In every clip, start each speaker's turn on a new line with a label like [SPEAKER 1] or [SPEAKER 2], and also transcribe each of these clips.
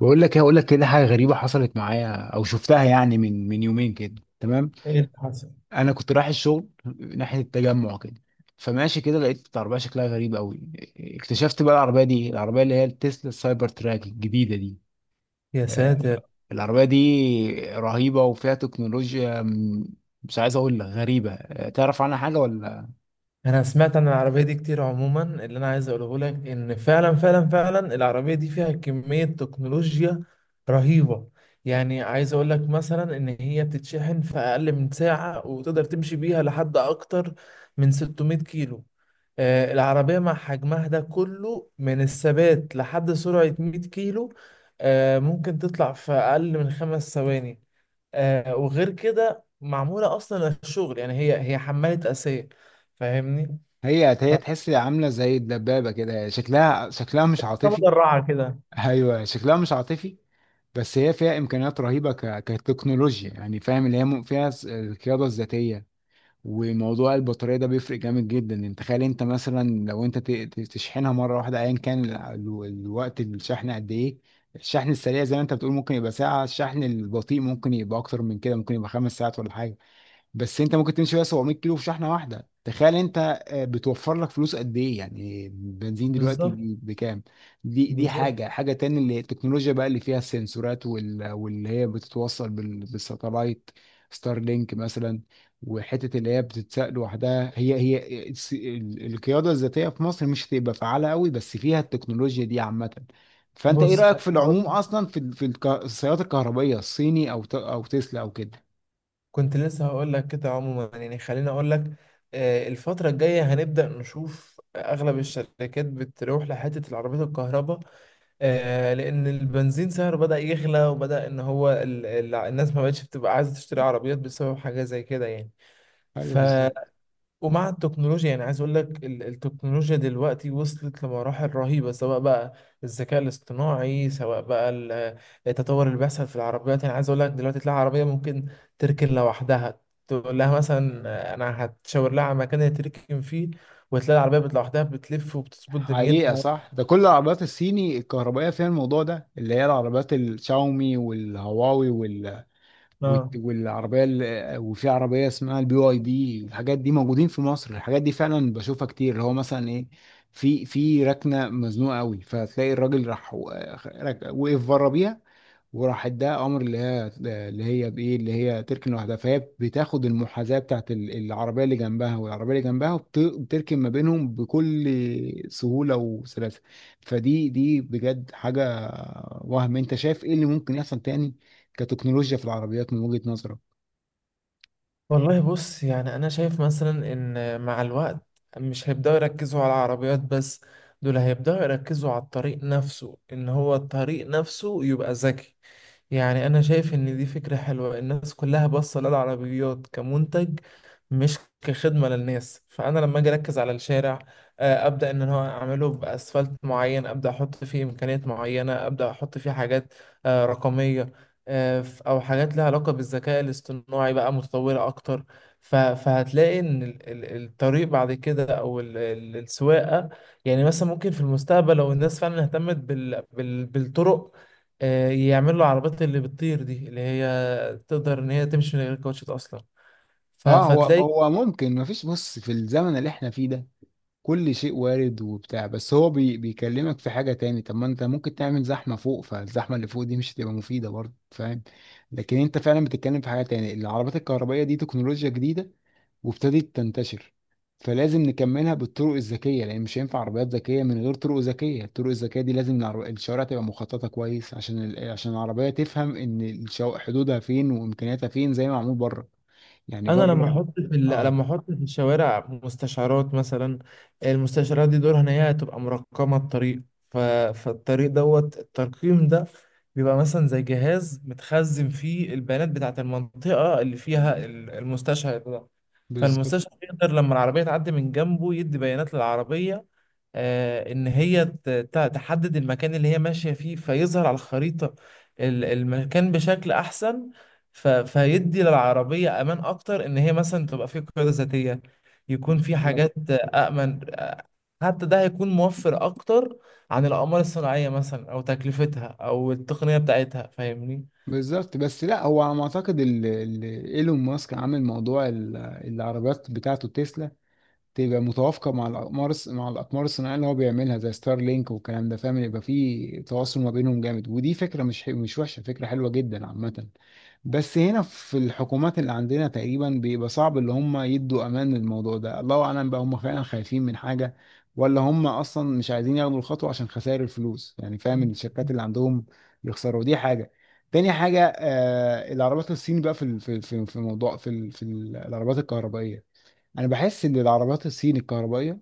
[SPEAKER 1] بقول لك ايه، هقول لك كده حاجه غريبه حصلت معايا او شفتها يعني من يومين كده، تمام.
[SPEAKER 2] ايه اللي حصل؟
[SPEAKER 1] انا كنت رايح الشغل ناحيه التجمع كده. فماشي كده، لقيت عربيه شكلها غريب قوي. اكتشفت بقى العربيه دي، العربيه اللي هي التسلا السايبر تراك الجديده دي.
[SPEAKER 2] يا
[SPEAKER 1] آه،
[SPEAKER 2] ساتر.
[SPEAKER 1] العربيه دي رهيبه وفيها تكنولوجيا مش عايز اقول لك غريبه. تعرف عنها حاجه ولا؟
[SPEAKER 2] انا سمعت عن العربيه دي كتير. عموما اللي انا عايز اقوله لك ان فعلا فعلا فعلا العربيه دي فيها كميه تكنولوجيا رهيبه. يعني عايز اقول لك مثلا ان هي بتتشحن في اقل من ساعه وتقدر تمشي بيها لحد اكتر من 600 كيلو. العربية مع حجمها ده كله من الثبات لحد سرعة 100 كيلو، ممكن تطلع في أقل من 5 ثواني. وغير كده معمولة أصلا للشغل. يعني هي حمالة أساسية، فاهمني؟
[SPEAKER 1] هي هي تحس عامله زي الدبابه كده، شكلها شكلها مش عاطفي.
[SPEAKER 2] فمدرعة كده.
[SPEAKER 1] ايوه، شكلها مش عاطفي. بس هي فيها امكانيات رهيبه كتكنولوجيا يعني، فاهم اللي هي فيها القياده الذاتيه. وموضوع البطاريه ده بيفرق جامد جدا. انت تخيل انت مثلا لو انت تشحنها مره واحده، ايا كان الوقت الشحن قد ايه. الشحن السريع زي ما انت بتقول ممكن يبقى ساعه، الشحن البطيء ممكن يبقى اكتر من كده، ممكن يبقى 5 ساعات ولا حاجه. بس انت ممكن تمشي بقى 700 كيلو في شحنه واحده، تخيل انت. بتوفر لك فلوس قد ايه يعني، بنزين دلوقتي
[SPEAKER 2] بالظبط،
[SPEAKER 1] دي بكام. دي
[SPEAKER 2] بالظبط.
[SPEAKER 1] حاجه تاني، اللي التكنولوجيا بقى اللي فيها السنسورات واللي هي بتتوصل بالساتلايت. ستار لينك مثلا. وحته اللي هي بتتساق لوحدها، هي هي القياده الذاتيه في مصر مش هتبقى فعاله قوي، بس فيها التكنولوجيا دي عامه. فانت ايه
[SPEAKER 2] بص،
[SPEAKER 1] رايك في
[SPEAKER 2] خليني أقول.
[SPEAKER 1] العموم، اصلا في السيارات الكهربائيه الصيني، او او تسلا او كده؟
[SPEAKER 2] كنت لسه هقول لك كده. عموما يعني خليني أقول لك، الفترة الجاية هنبدأ نشوف أغلب الشركات بتروح لحتة العربيات الكهرباء، لان البنزين سعره بدأ يغلى، وبدأ ان هو الناس ما بقتش بتبقى عايزة تشتري عربيات بسبب حاجة زي كده يعني.
[SPEAKER 1] ايوه،
[SPEAKER 2] ف
[SPEAKER 1] بالظبط.
[SPEAKER 2] ومع التكنولوجيا يعني عايز اقول لك التكنولوجيا دلوقتي وصلت لمراحل رهيبة، سواء بقى الذكاء الاصطناعي، سواء بقى التطور اللي بيحصل في العربيات. يعني عايز اقول لك دلوقتي تلاقي عربية ممكن تركن لوحدها. تقول لها مثلا، انا هتشاور لها على مكان هي تركن فيه، وتلاقي العربية لوحدها بتلف وبتظبط
[SPEAKER 1] حقيقة
[SPEAKER 2] دنيتها.
[SPEAKER 1] صح، ده كل العربيات الصيني الكهربائية فيها الموضوع ده، اللي هي العربيات الشاومي والهواوي وال...
[SPEAKER 2] اه،
[SPEAKER 1] والت- والعربية ال... وفي عربية اسمها BYD. الحاجات دي موجودين في مصر، الحاجات دي فعلا بشوفها كتير. اللي هو مثلا ايه، في ركنة مزنوقة قوي، فتلاقي الراجل راح وقف بره بيها، وراح اداها امر اللي هي تركن لوحدها. فهي بتاخد المحاذاه بتاعت العربيه اللي جنبها والعربيه اللي جنبها، وبتركن ما بينهم بكل سهوله وسلاسه. فدي بجد حاجه. وهم انت شايف ايه اللي ممكن يحصل تاني كتكنولوجيا في العربيات من وجهه نظرك؟
[SPEAKER 2] والله بص، يعني أنا شايف مثلا إن مع الوقت مش هيبدأوا يركزوا على العربيات بس. دول هيبدأوا يركزوا على الطريق نفسه، إن هو الطريق نفسه يبقى ذكي. يعني أنا شايف إن دي فكرة حلوة. الناس كلها باصة للعربيات كمنتج مش كخدمة للناس. فأنا لما أجي أركز على الشارع، أبدأ إن هو أعمله بأسفلت معين، أبدأ أحط فيه إمكانيات معينة، أبدأ أحط فيه حاجات رقمية، أو حاجات لها علاقة بالذكاء الاصطناعي بقى متطورة أكتر. فهتلاقي إن الطريق بعد كده، أو السواقة. يعني مثلا ممكن في المستقبل لو الناس فعلا اهتمت بالطرق، يعمل له عربيات اللي بتطير دي، اللي هي تقدر ان هي تمشي من غير كاوتشات اصلا.
[SPEAKER 1] اه، هو
[SPEAKER 2] فتلاقي
[SPEAKER 1] هو ممكن. ما فيش بص، في الزمن اللي احنا فيه ده كل شيء وارد وبتاع. بس هو بيكلمك في حاجة تاني. طب ما انت ممكن تعمل زحمة فوق، فالزحمة اللي فوق دي مش هتبقى مفيدة برضه، فاهم. لكن انت فعلا بتتكلم في حاجة تاني. العربات الكهربائية دي تكنولوجيا جديدة وابتدت تنتشر، فلازم نكملها بالطرق الذكية، لأن مش هينفع عربيات ذكية من غير طرق ذكية. الطرق الذكية دي لازم الشوارع تبقى مخططة كويس، عشان عشان العربية تفهم إن حدودها فين وإمكانياتها فين، زي ما معمول بره، يعني
[SPEAKER 2] انا لما
[SPEAKER 1] بره.
[SPEAKER 2] احط في
[SPEAKER 1] اه،
[SPEAKER 2] لما احط في الشوارع مستشعرات مثلا. المستشعرات دي دورها ان هي تبقى مرقمه الطريق. ف... فالطريق دوت الترقيم ده بيبقى مثلا زي جهاز متخزن فيه البيانات بتاعت المنطقه اللي فيها المستشعر ده.
[SPEAKER 1] بالظبط.
[SPEAKER 2] فالمستشعر يقدر لما العربيه تعدي من جنبه يدي بيانات للعربيه، ان هي تحدد المكان اللي هي ماشية فيه، فيظهر على الخريطة المكان بشكل احسن. فيدي للعربية امان اكتر ان هي مثلا تبقى في قيادة ذاتية. يكون في حاجات امن، حتى ده هيكون موفر اكتر عن الاقمار الصناعية مثلا، او تكلفتها، او التقنية بتاعتها، فاهمني.
[SPEAKER 1] بالظبط، بس لا هو على ما اعتقد ايلون ماسك عامل موضوع العربيات بتاعته تسلا تبقى متوافقه مع الاقمار الصناعيه اللي هو بيعملها زي ستار لينك والكلام ده، فاهم. يبقى في تواصل ما بينهم جامد، ودي فكره مش وحشه، فكره حلوه جدا عامه. بس هنا في الحكومات اللي عندنا تقريبا بيبقى صعب اللي هم يدوا امان للموضوع ده. الله اعلم بقى هم فعلا خايفين من حاجه، ولا هم اصلا مش عايزين ياخدوا الخطوه عشان خسائر الفلوس، يعني فاهم الشركات اللي عندهم يخسروا. دي حاجه. تاني حاجه، العربيات الصين بقى، في موضوع، في العربيات الكهربائيه، انا بحس ان العربيات الصين الكهربائيه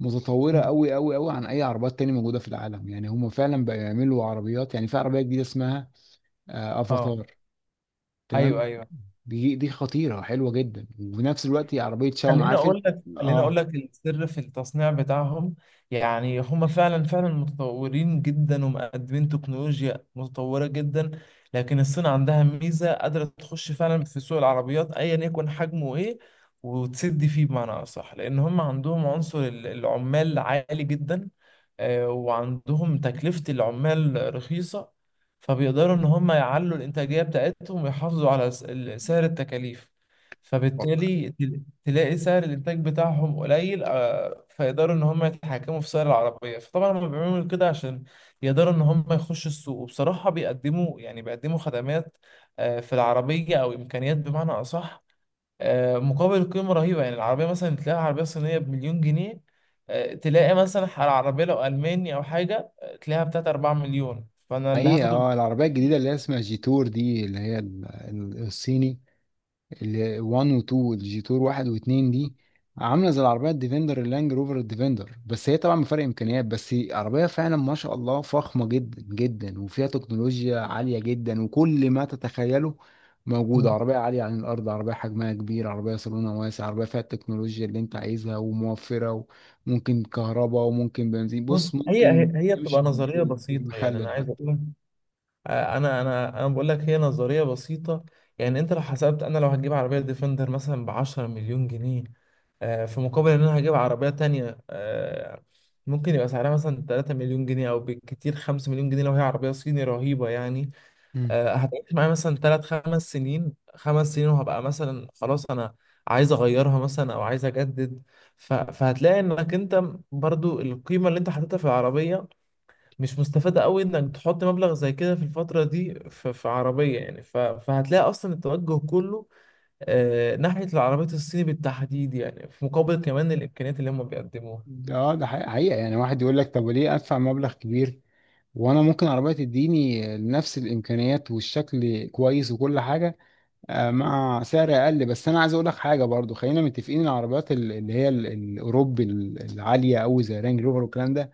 [SPEAKER 1] متطوره قوي قوي قوي عن اي عربيات تانية موجوده في العالم. يعني هم فعلا بقى يعملوا عربيات، يعني في عربيه جديده اسمها
[SPEAKER 2] اه،
[SPEAKER 1] افاتار.
[SPEAKER 2] ايوه،
[SPEAKER 1] تمام.
[SPEAKER 2] ايوه.
[SPEAKER 1] دي خطيره حلوه جدا، وفي نفس الوقت هي عربيه شاومي، عارف انت.
[SPEAKER 2] خليني اقول
[SPEAKER 1] اه
[SPEAKER 2] لك السر في التصنيع بتاعهم. يعني هم فعلا فعلا متطورين جدا، ومقدمين تكنولوجيا متطوره جدا. لكن الصين عندها ميزه قادره تخش فعلا في سوق العربيات ايا يكن حجمه ايه، وتسد فيه. بمعنى اصح، لان هم عندهم عنصر العمال عالي جدا، وعندهم تكلفه العمال رخيصه. فبيقدروا ان هم يعلوا الانتاجيه بتاعتهم، ويحافظوا على سعر التكاليف. فبالتالي تلاقي سعر الانتاج بتاعهم قليل، فيقدروا ان هم يتحكموا في سعر العربيه. فطبعا هم بيعملوا كده عشان يقدروا ان هم يخشوا السوق. وبصراحه بيقدموا، يعني بيقدموا خدمات في العربيه، او امكانيات بمعنى اصح، مقابل قيمه رهيبه. يعني العربيه مثلا تلاقي عربيه صينيه بمليون جنيه، تلاقي مثلا على العربيه لو الماني او حاجه، تلاقيها بتاعت 4 مليون. فانا اللي
[SPEAKER 1] حقيقة،
[SPEAKER 2] هاخده ب-.
[SPEAKER 1] اه، العربية الجديدة اللي هي اسمها جيتور دي، اللي هي الصيني، ال 1 و 2، الجي تور 1 و 2 دي، عامله زي العربيه الديفندر، اللانج روفر الديفندر، بس هي طبعا بفرق امكانيات. بس عربيه فعلا ما شاء الله فخمه جدا جدا، وفيها تكنولوجيا عاليه جدا وكل ما تتخيله موجود.
[SPEAKER 2] مم.
[SPEAKER 1] عربيه عاليه عن الارض، عربيه حجمها كبير، عربيه صالونها واسع، عربيه فيها التكنولوجيا اللي انت عايزها وموفره، وممكن كهرباء وممكن بنزين. بص
[SPEAKER 2] بص، هي
[SPEAKER 1] ممكن
[SPEAKER 2] هي هي
[SPEAKER 1] تمشي
[SPEAKER 2] بتبقى نظريه بسيطه. يعني انا
[SPEAKER 1] بالمخلل
[SPEAKER 2] عايز
[SPEAKER 1] حتى.
[SPEAKER 2] اقول، انا بقول لك هي نظريه بسيطه. يعني انت لو حسبت انا لو هتجيب عربيه ديفندر مثلا ب 10 مليون جنيه، في مقابل ان انا هجيب عربيه تانية، ممكن يبقى سعرها مثلا 3 مليون جنيه، او بالكتير 5 مليون جنيه لو هي عربيه صيني رهيبه يعني،
[SPEAKER 1] مم.
[SPEAKER 2] هتعيش معايا مثلا 3 5 سنين، 5 سنين، وهبقى مثلا خلاص، انا عايز اغيرها مثلا، او عايز اجدد. فهتلاقي انك انت برضو القيمه اللي انت حاططها في العربيه مش مستفادة قوي. انك تحط مبلغ زي كده في الفترة دي في عربية يعني. فهتلاقي اصلا التوجه كله آه ناحية العربيات الصيني بالتحديد، يعني في مقابل كمان الامكانيات اللي هم بيقدموها.
[SPEAKER 1] ده حقيقة حقيقة، يعني واحد يقول لك طب ليه ادفع مبلغ كبير، وانا ممكن عربية تديني نفس الامكانيات والشكل كويس وكل حاجة مع سعر اقل. بس انا عايز اقول لك حاجة برضو، خلينا متفقين. العربيات الاوروبي العالية قوي زي رانج روفر والكلام ده،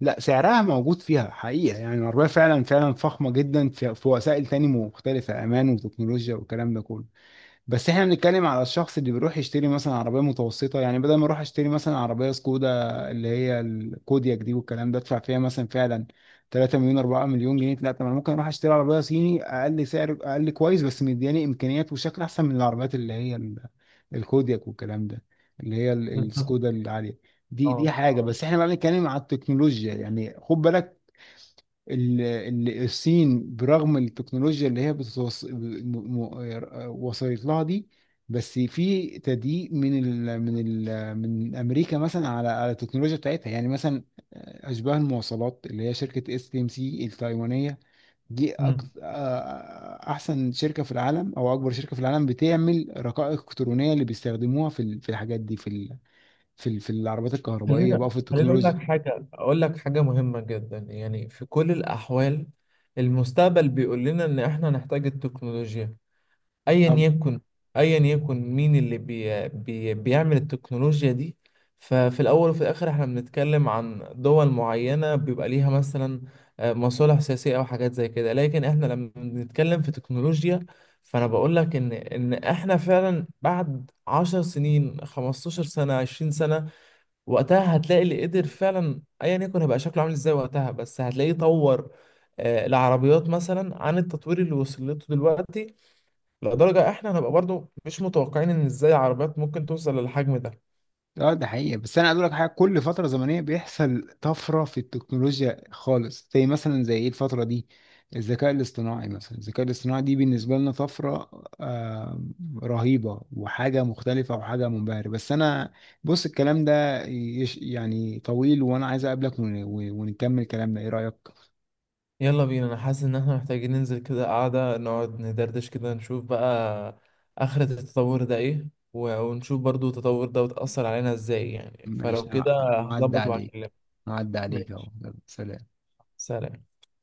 [SPEAKER 1] لا سعرها موجود فيها حقيقة. يعني العربية فعلا فعلا فخمة جدا، في وسائل تاني مختلفة، امان وتكنولوجيا والكلام ده كله. بس احنا بنتكلم على الشخص اللي بيروح يشتري مثلا عربية متوسطة. يعني بدل ما اروح اشتري مثلا عربية سكودا اللي هي الكودياك دي والكلام ده، ادفع فيها مثلا فعلا 3 مليون 4 مليون جنيه. لا، طب انا ممكن اروح اشتري عربية صيني اقل سعر، اقل كويس، بس مدياني امكانيات وشكل احسن من العربيات اللي هي الكودياك والكلام ده، اللي هي
[SPEAKER 2] بالظبط.
[SPEAKER 1] السكودا العالية. دي
[SPEAKER 2] اه،
[SPEAKER 1] حاجة.
[SPEAKER 2] اه.
[SPEAKER 1] بس احنا بقى بنتكلم على التكنولوجيا يعني خد بالك، الصين برغم التكنولوجيا اللي هي وصلت لها دي، بس في تضييق من امريكا مثلا على التكنولوجيا بتاعتها، يعني مثلا اشباه المواصلات اللي هي شركه STMC التايوانيه دي،
[SPEAKER 2] امم
[SPEAKER 1] احسن شركه في العالم او اكبر شركه في العالم بتعمل رقائق الكترونيه اللي بيستخدموها في في الحاجات دي، في في العربيات الكهربائيه
[SPEAKER 2] خلينا،
[SPEAKER 1] بقى، في
[SPEAKER 2] خليني اقول لك
[SPEAKER 1] التكنولوجيا.
[SPEAKER 2] حاجة اقول لك حاجة مهمة جدا. يعني في كل الاحوال المستقبل بيقول لنا ان احنا نحتاج التكنولوجيا، ايا يكن، ايا يكن مين اللي بي بي بيعمل التكنولوجيا دي. ففي الاول وفي الاخر احنا بنتكلم عن دول معينة بيبقى ليها مثلا مصالح سياسية او حاجات زي كده. لكن احنا لما بنتكلم في تكنولوجيا، فانا بقول لك ان احنا فعلا بعد 10 سنين، 15 سنة، 20 سنة، وقتها هتلاقي اللي قدر فعلا ايا يكن هيبقى شكله عامل ازاي وقتها، بس هتلاقيه طور العربيات مثلا عن التطوير اللي وصلته دلوقتي، لدرجة احنا هنبقى برضو مش متوقعين ان ازاي عربيات ممكن توصل للحجم ده.
[SPEAKER 1] اه ده حقيقة. بس انا اقول لك حاجة، كل فترة زمنية بيحصل طفرة في التكنولوجيا خالص، زي مثلا زي ايه الفترة دي، الذكاء الاصطناعي مثلا. الذكاء الاصطناعي دي بالنسبة لنا طفرة آه رهيبة، وحاجة مختلفة، وحاجة منبهرة. بس انا، بص الكلام ده يعني طويل، وانا عايز اقابلك ونكمل كلامنا، ايه رأيك؟
[SPEAKER 2] يلا بينا، انا حاسس ان احنا محتاجين ننزل كده قعدة، نقعد ندردش كده، نشوف بقى آخرة التطور ده ايه، ونشوف برضو التطور ده وتأثر علينا ازاي يعني.
[SPEAKER 1] ماشي.
[SPEAKER 2] فلو كده
[SPEAKER 1] هعدي
[SPEAKER 2] هظبط
[SPEAKER 1] عليك،
[SPEAKER 2] وهكلمك.
[SPEAKER 1] هعدي عليك اهو،
[SPEAKER 2] ماشي،
[SPEAKER 1] يلا، سلام.
[SPEAKER 2] سلام.